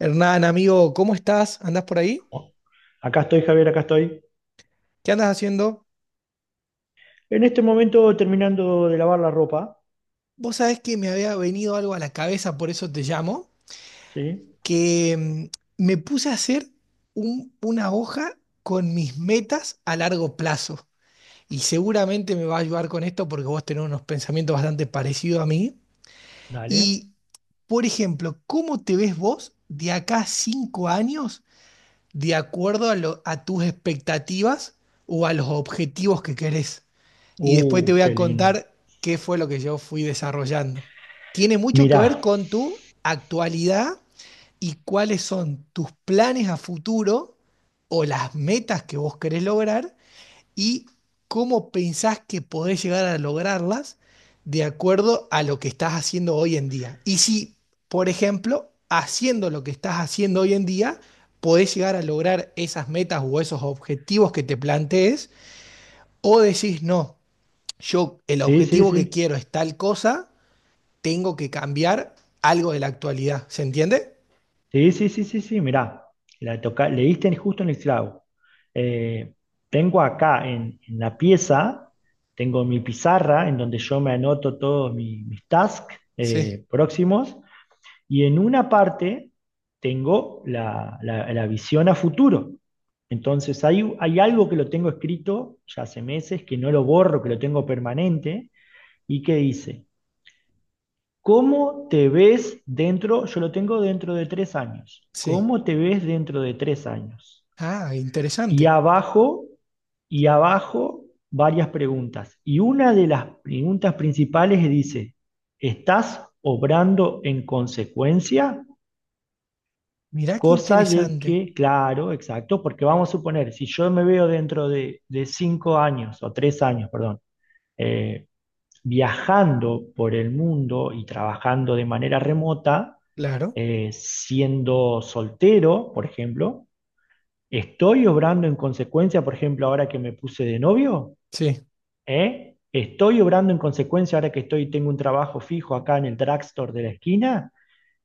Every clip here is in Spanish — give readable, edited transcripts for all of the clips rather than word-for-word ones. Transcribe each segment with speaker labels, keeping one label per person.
Speaker 1: Hernán, amigo, ¿cómo estás? ¿Andás por ahí?
Speaker 2: Acá estoy, Javier, acá estoy.
Speaker 1: ¿Qué andas haciendo?
Speaker 2: En este momento terminando de lavar la ropa.
Speaker 1: Vos sabés que me había venido algo a la cabeza, por eso te llamo,
Speaker 2: ¿Sí?
Speaker 1: que me puse a hacer una hoja con mis metas a largo plazo. Y seguramente me va a ayudar con esto porque vos tenés unos pensamientos bastante parecidos a mí.
Speaker 2: Dale.
Speaker 1: Y, por ejemplo, ¿cómo te ves vos de acá a 5 años de acuerdo a, a tus expectativas o a los objetivos que querés? Y después te voy a
Speaker 2: Qué lindo.
Speaker 1: contar qué fue lo que yo fui desarrollando. Tiene mucho que ver
Speaker 2: Mirá.
Speaker 1: con tu actualidad y cuáles son tus planes a futuro o las metas que vos querés lograr y cómo pensás que podés llegar a lograrlas de acuerdo a lo que estás haciendo hoy en día. Y si, por ejemplo, haciendo lo que estás haciendo hoy en día, podés llegar a lograr esas metas o esos objetivos que te plantees, o decís, no, yo el
Speaker 2: Sí, sí,
Speaker 1: objetivo que
Speaker 2: sí.
Speaker 1: quiero es tal cosa, tengo que cambiar algo de la actualidad. ¿Se entiende?
Speaker 2: Sí, sí, sí, sí, sí, mirá. La toca, le diste justo en el clavo. Eh, tengo acá en la pieza, tengo mi pizarra en donde yo me anoto todos mis tasks
Speaker 1: Sí.
Speaker 2: próximos. Y en una parte tengo la visión a futuro. Entonces hay algo que lo tengo escrito ya hace meses, que no lo borro, que lo tengo permanente, y que dice, ¿cómo te ves dentro? Yo lo tengo dentro de tres años.
Speaker 1: Sí.
Speaker 2: ¿Cómo te ves dentro de tres años?
Speaker 1: Ah,
Speaker 2: Y
Speaker 1: interesante.
Speaker 2: abajo, y abajo, varias preguntas. Y una de las preguntas principales dice, ¿estás obrando en consecuencia?
Speaker 1: Mirá qué
Speaker 2: Cosa de
Speaker 1: interesante.
Speaker 2: que, claro, exacto, porque vamos a suponer, si yo me veo dentro de cinco años o tres años, perdón, eh, viajando por el mundo y trabajando de manera remota,
Speaker 1: Claro.
Speaker 2: siendo soltero, por ejemplo, ¿estoy obrando en consecuencia, por ejemplo, ahora que me puse de novio?
Speaker 1: Sí.
Speaker 2: ¿Eh? ¿Estoy obrando en consecuencia ahora que estoy, tengo un trabajo fijo acá en el drugstore de la esquina?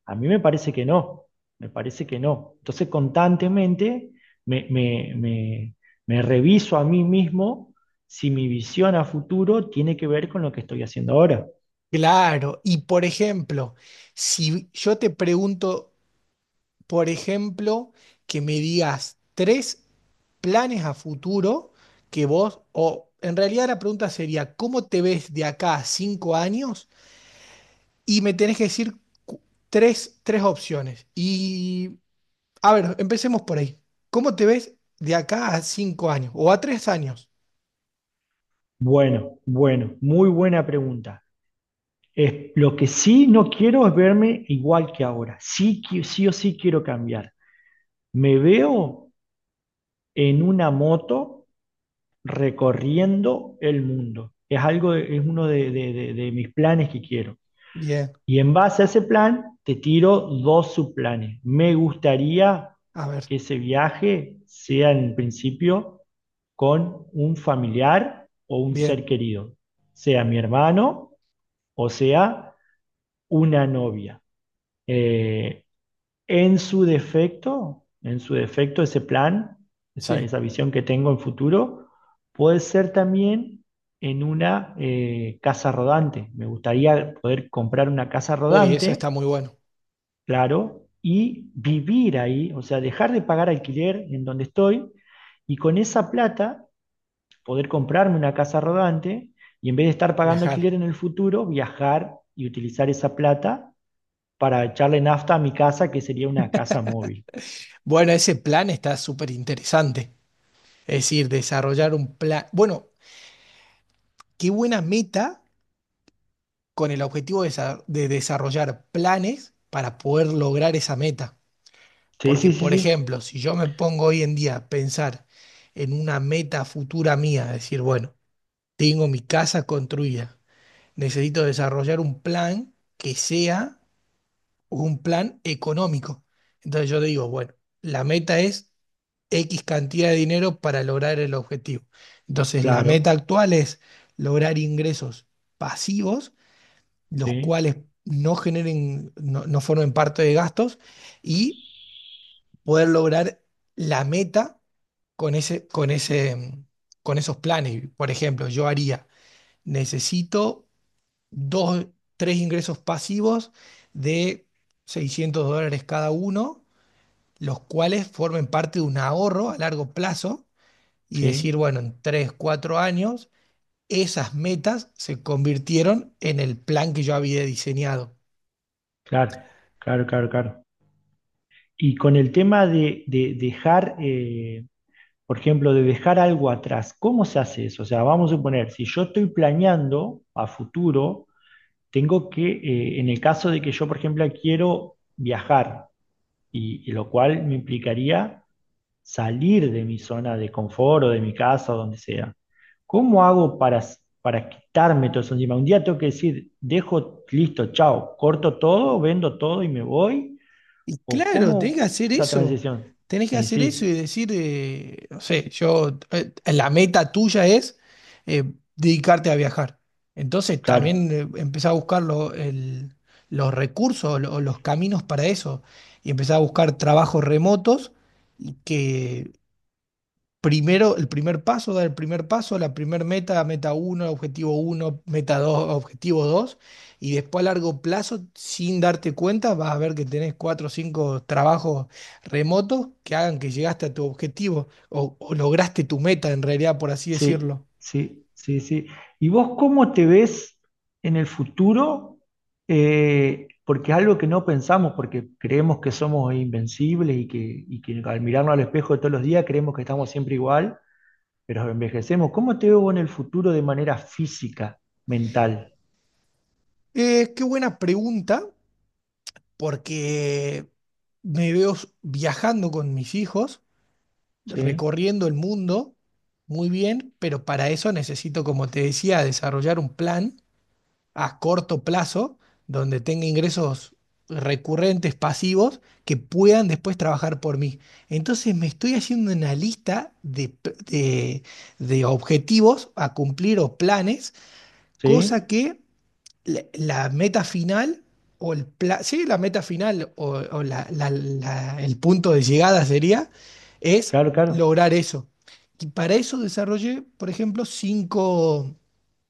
Speaker 2: A mí me parece que no, me parece que no. Entonces constantemente me, me- me- me reviso a mí mismo si mi visión a futuro tiene que ver con lo que estoy haciendo ahora.
Speaker 1: Claro. Y por ejemplo, si yo te pregunto, por ejemplo, que me digas tres planes a futuro que vos, o en realidad la pregunta sería, ¿cómo te ves de acá a cinco años? Y me tenés que decir cu- tres, opciones. Y a ver, empecemos por ahí. ¿Cómo te ves de acá a cinco años o a 3 años?
Speaker 2: Bueno, bueno, muy buena pregunta. Es, lo que sí no quiero es verme igual que ahora. Sí, sí o sí quiero cambiar. Me veo en una moto recorriendo el mundo. Es algo, es uno de de mis planes que quiero.
Speaker 1: Bien,
Speaker 2: Y en base a ese plan, te tiro dos subplanes. Me gustaría
Speaker 1: a ver,
Speaker 2: que ese viaje sea en principio con un familiar o un
Speaker 1: bien,
Speaker 2: ser querido, sea mi hermano o sea una novia. Eh, en su defecto, ese plan,
Speaker 1: sí.
Speaker 2: esa visión que tengo en futuro, puede ser también en una casa rodante. Me gustaría poder comprar una casa
Speaker 1: Uy, eso está
Speaker 2: rodante,
Speaker 1: muy bueno,
Speaker 2: claro, y vivir ahí, o sea, dejar de pagar alquiler en donde estoy, y con esa plata poder comprarme una casa rodante, y en vez de estar pagando
Speaker 1: viajar.
Speaker 2: alquiler en el futuro, viajar y utilizar esa plata para echarle nafta a mi casa, que sería una casa móvil.
Speaker 1: Bueno, ese plan está súper interesante. Es decir, desarrollar un plan. Bueno, qué buena meta con el objetivo de, de desarrollar planes para poder lograr esa meta.
Speaker 2: Sí,
Speaker 1: Porque,
Speaker 2: sí, sí,
Speaker 1: por
Speaker 2: sí,
Speaker 1: ejemplo, si yo me pongo hoy en día a pensar en una meta futura mía, decir, bueno, tengo mi casa construida, necesito desarrollar un plan que sea un plan económico. Entonces yo digo, bueno, la meta es X cantidad de dinero para lograr el objetivo. Entonces la meta
Speaker 2: claro,
Speaker 1: actual es lograr ingresos pasivos, los
Speaker 2: sí,
Speaker 1: cuales no generen, no, no formen parte de gastos y poder lograr la meta con esos planes. Por ejemplo, yo haría, necesito dos, tres ingresos pasivos de US$600 cada uno, los cuales formen parte de un ahorro a largo plazo y decir,
Speaker 2: sí,
Speaker 1: bueno, en 3, 4 años, esas metas se convirtieron en el plan que yo había diseñado.
Speaker 2: claro, claro, claro, claro. Y con el tema de dejar... Por ejemplo, de dejar algo atrás. ¿Cómo se hace eso? O sea, vamos a suponer, si yo estoy planeando a futuro, tengo que, en el caso de que yo, por ejemplo, quiero viajar, y lo cual me implicaría salir de mi zona de confort o de mi casa o donde sea. ¿Cómo hago para, para quitarme todo eso encima? Un día tengo que decir, dejo, listo, chao, corto todo, vendo todo y me voy.
Speaker 1: Y
Speaker 2: ¿O
Speaker 1: claro, tenés que
Speaker 2: cómo
Speaker 1: hacer
Speaker 2: esa
Speaker 1: eso.
Speaker 2: transición?
Speaker 1: Tenés que
Speaker 2: Y
Speaker 1: hacer eso y
Speaker 2: sí,
Speaker 1: decir, no sé, yo, la meta tuya es eh, dedicarte a viajar. Entonces
Speaker 2: claro.
Speaker 1: también empezá a buscar los recursos o los caminos para eso y empezá a buscar trabajos remotos y que primero, el primer paso, dar el primer paso, la primer meta, meta 1, objetivo uno, meta dos, objetivo 2 y después a largo plazo, sin darte cuenta, vas a ver que tenés cuatro o cinco trabajos remotos que hagan que llegaste a tu objetivo o lograste tu meta en realidad, por así
Speaker 2: Sí,
Speaker 1: decirlo.
Speaker 2: sí, sí, sí. ¿Y vos cómo te ves en el futuro? Porque es algo que no pensamos, porque creemos que somos invencibles y que al mirarnos al espejo todos los días creemos que estamos siempre igual, pero envejecemos. ¿Cómo te veo vos en el futuro de manera física, mental?
Speaker 1: Qué buena pregunta, porque me veo viajando con mis hijos,
Speaker 2: ¿Sí?
Speaker 1: recorriendo el mundo. Muy bien, pero para eso necesito, como te decía, desarrollar un plan a corto plazo, donde tenga ingresos recurrentes, pasivos, que puedan después trabajar por mí. Entonces me estoy haciendo una lista de objetivos a cumplir o planes, cosa
Speaker 2: ¿Sí?
Speaker 1: que la meta final o sí, la meta final o el punto de llegada sería, es
Speaker 2: Claro, claro,
Speaker 1: lograr eso. Y para eso desarrollé, por ejemplo,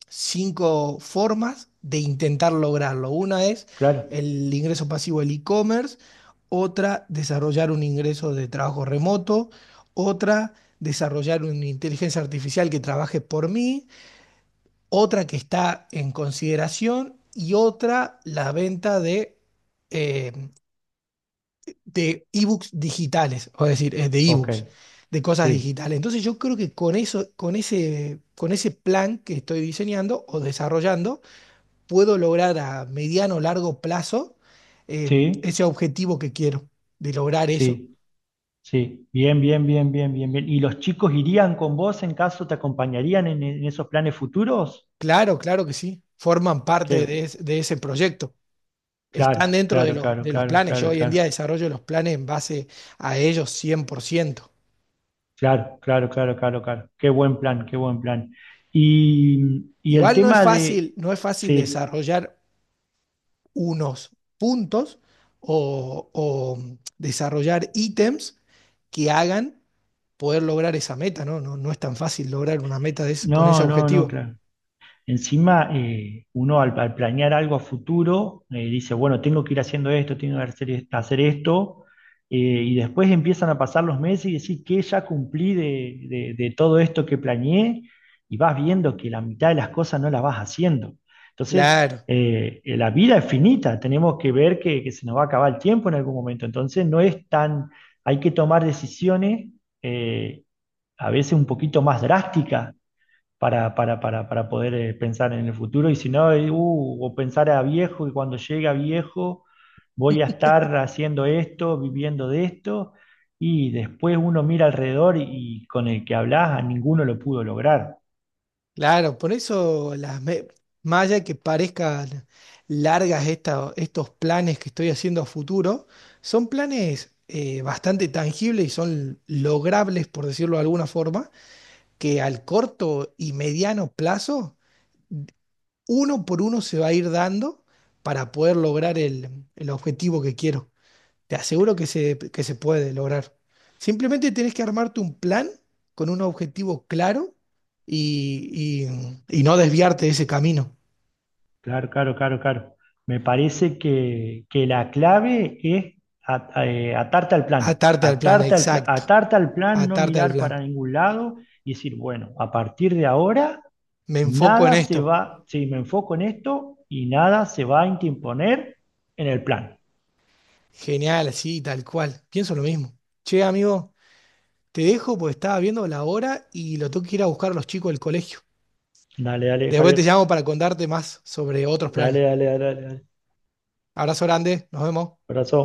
Speaker 1: cinco formas de intentar lograrlo. Una es
Speaker 2: claro.
Speaker 1: el ingreso pasivo del e-commerce, otra desarrollar un ingreso de trabajo remoto, otra desarrollar una inteligencia artificial que trabaje por mí, otra que está en consideración y otra la venta eh, de ebooks digitales, o decir, de
Speaker 2: Ok,
Speaker 1: ebooks, de cosas
Speaker 2: sí,
Speaker 1: digitales. Entonces yo creo que con eso, con ese plan que estoy diseñando o desarrollando, puedo lograr a mediano o largo plazo
Speaker 2: sí,
Speaker 1: ese objetivo que quiero, de lograr eso.
Speaker 2: sí. Sí, bien, bien, bien, bien, bien, bien. ¿Y los chicos irían con vos, en caso te acompañarían en esos planes futuros?
Speaker 1: Claro, claro que sí, forman parte
Speaker 2: Qué-
Speaker 1: de ese proyecto, están
Speaker 2: Claro,
Speaker 1: dentro de
Speaker 2: claro, claro,
Speaker 1: los
Speaker 2: claro,
Speaker 1: planes. Yo
Speaker 2: claro,
Speaker 1: hoy en día
Speaker 2: claro,
Speaker 1: desarrollo los planes en base a ellos 100%.
Speaker 2: claro, claro, claro, claro, claro. Qué buen plan, qué buen plan. Y el
Speaker 1: Igual no es
Speaker 2: tema
Speaker 1: fácil,
Speaker 2: de,
Speaker 1: no es fácil
Speaker 2: sí,
Speaker 1: desarrollar unos puntos o desarrollar ítems que hagan poder lograr esa meta, ¿no? No, no es tan fácil lograr una meta de con ese
Speaker 2: no, no, no,
Speaker 1: objetivo.
Speaker 2: claro. Encima, uno al planear algo a futuro, dice, bueno, tengo que ir haciendo esto, tengo que hacer, hacer esto, y después empiezan a pasar los meses y decís, ¿qué ya cumplí de, de todo esto que planeé? Y vas viendo que la mitad de las cosas no las vas haciendo. Entonces,
Speaker 1: Claro,
Speaker 2: la vida es finita, tenemos que ver que se nos va a acabar el tiempo en algún momento. Entonces, no es tan, hay que tomar decisiones eh, a veces un poquito más drásticas para poder pensar en el futuro. Y si no, o pensar a viejo y cuando llegue a viejo voy a estar haciendo esto, viviendo de esto. Y después uno mira alrededor y con el que hablas a ninguno lo pudo lograr.
Speaker 1: claro, por eso más allá de que parezcan largas estos planes que estoy haciendo a futuro, son planes bastante tangibles y son logrables, por decirlo de alguna forma, que al corto y mediano plazo, uno por uno se va a ir dando para poder lograr el objetivo que quiero. Te aseguro que se puede lograr. Simplemente tenés que armarte un plan con un objetivo claro y, y no desviarte de ese camino.
Speaker 2: Claro, claro, claro, claro. Me parece que la clave es atarte al plan.
Speaker 1: Atarte al plan,
Speaker 2: Atarte al,
Speaker 1: exacto.
Speaker 2: atarte al plan, no
Speaker 1: Atarte al
Speaker 2: mirar
Speaker 1: plan.
Speaker 2: para ningún lado y decir, bueno, a partir de ahora.
Speaker 1: Me enfoco en
Speaker 2: Nada se
Speaker 1: esto.
Speaker 2: va, si me enfoco en esto y nada se va a interponer en el plan.
Speaker 1: Genial, así, tal cual. Pienso lo mismo. Che, amigo, te dejo porque estaba viendo la hora y lo tengo que ir a buscar a los chicos del colegio.
Speaker 2: Dale, dale,
Speaker 1: Después te
Speaker 2: Javier.
Speaker 1: llamo para contarte más sobre otros
Speaker 2: Dale,
Speaker 1: planes.
Speaker 2: dale, dale, dale. Dale.
Speaker 1: Abrazo grande, nos vemos.
Speaker 2: Abrazo.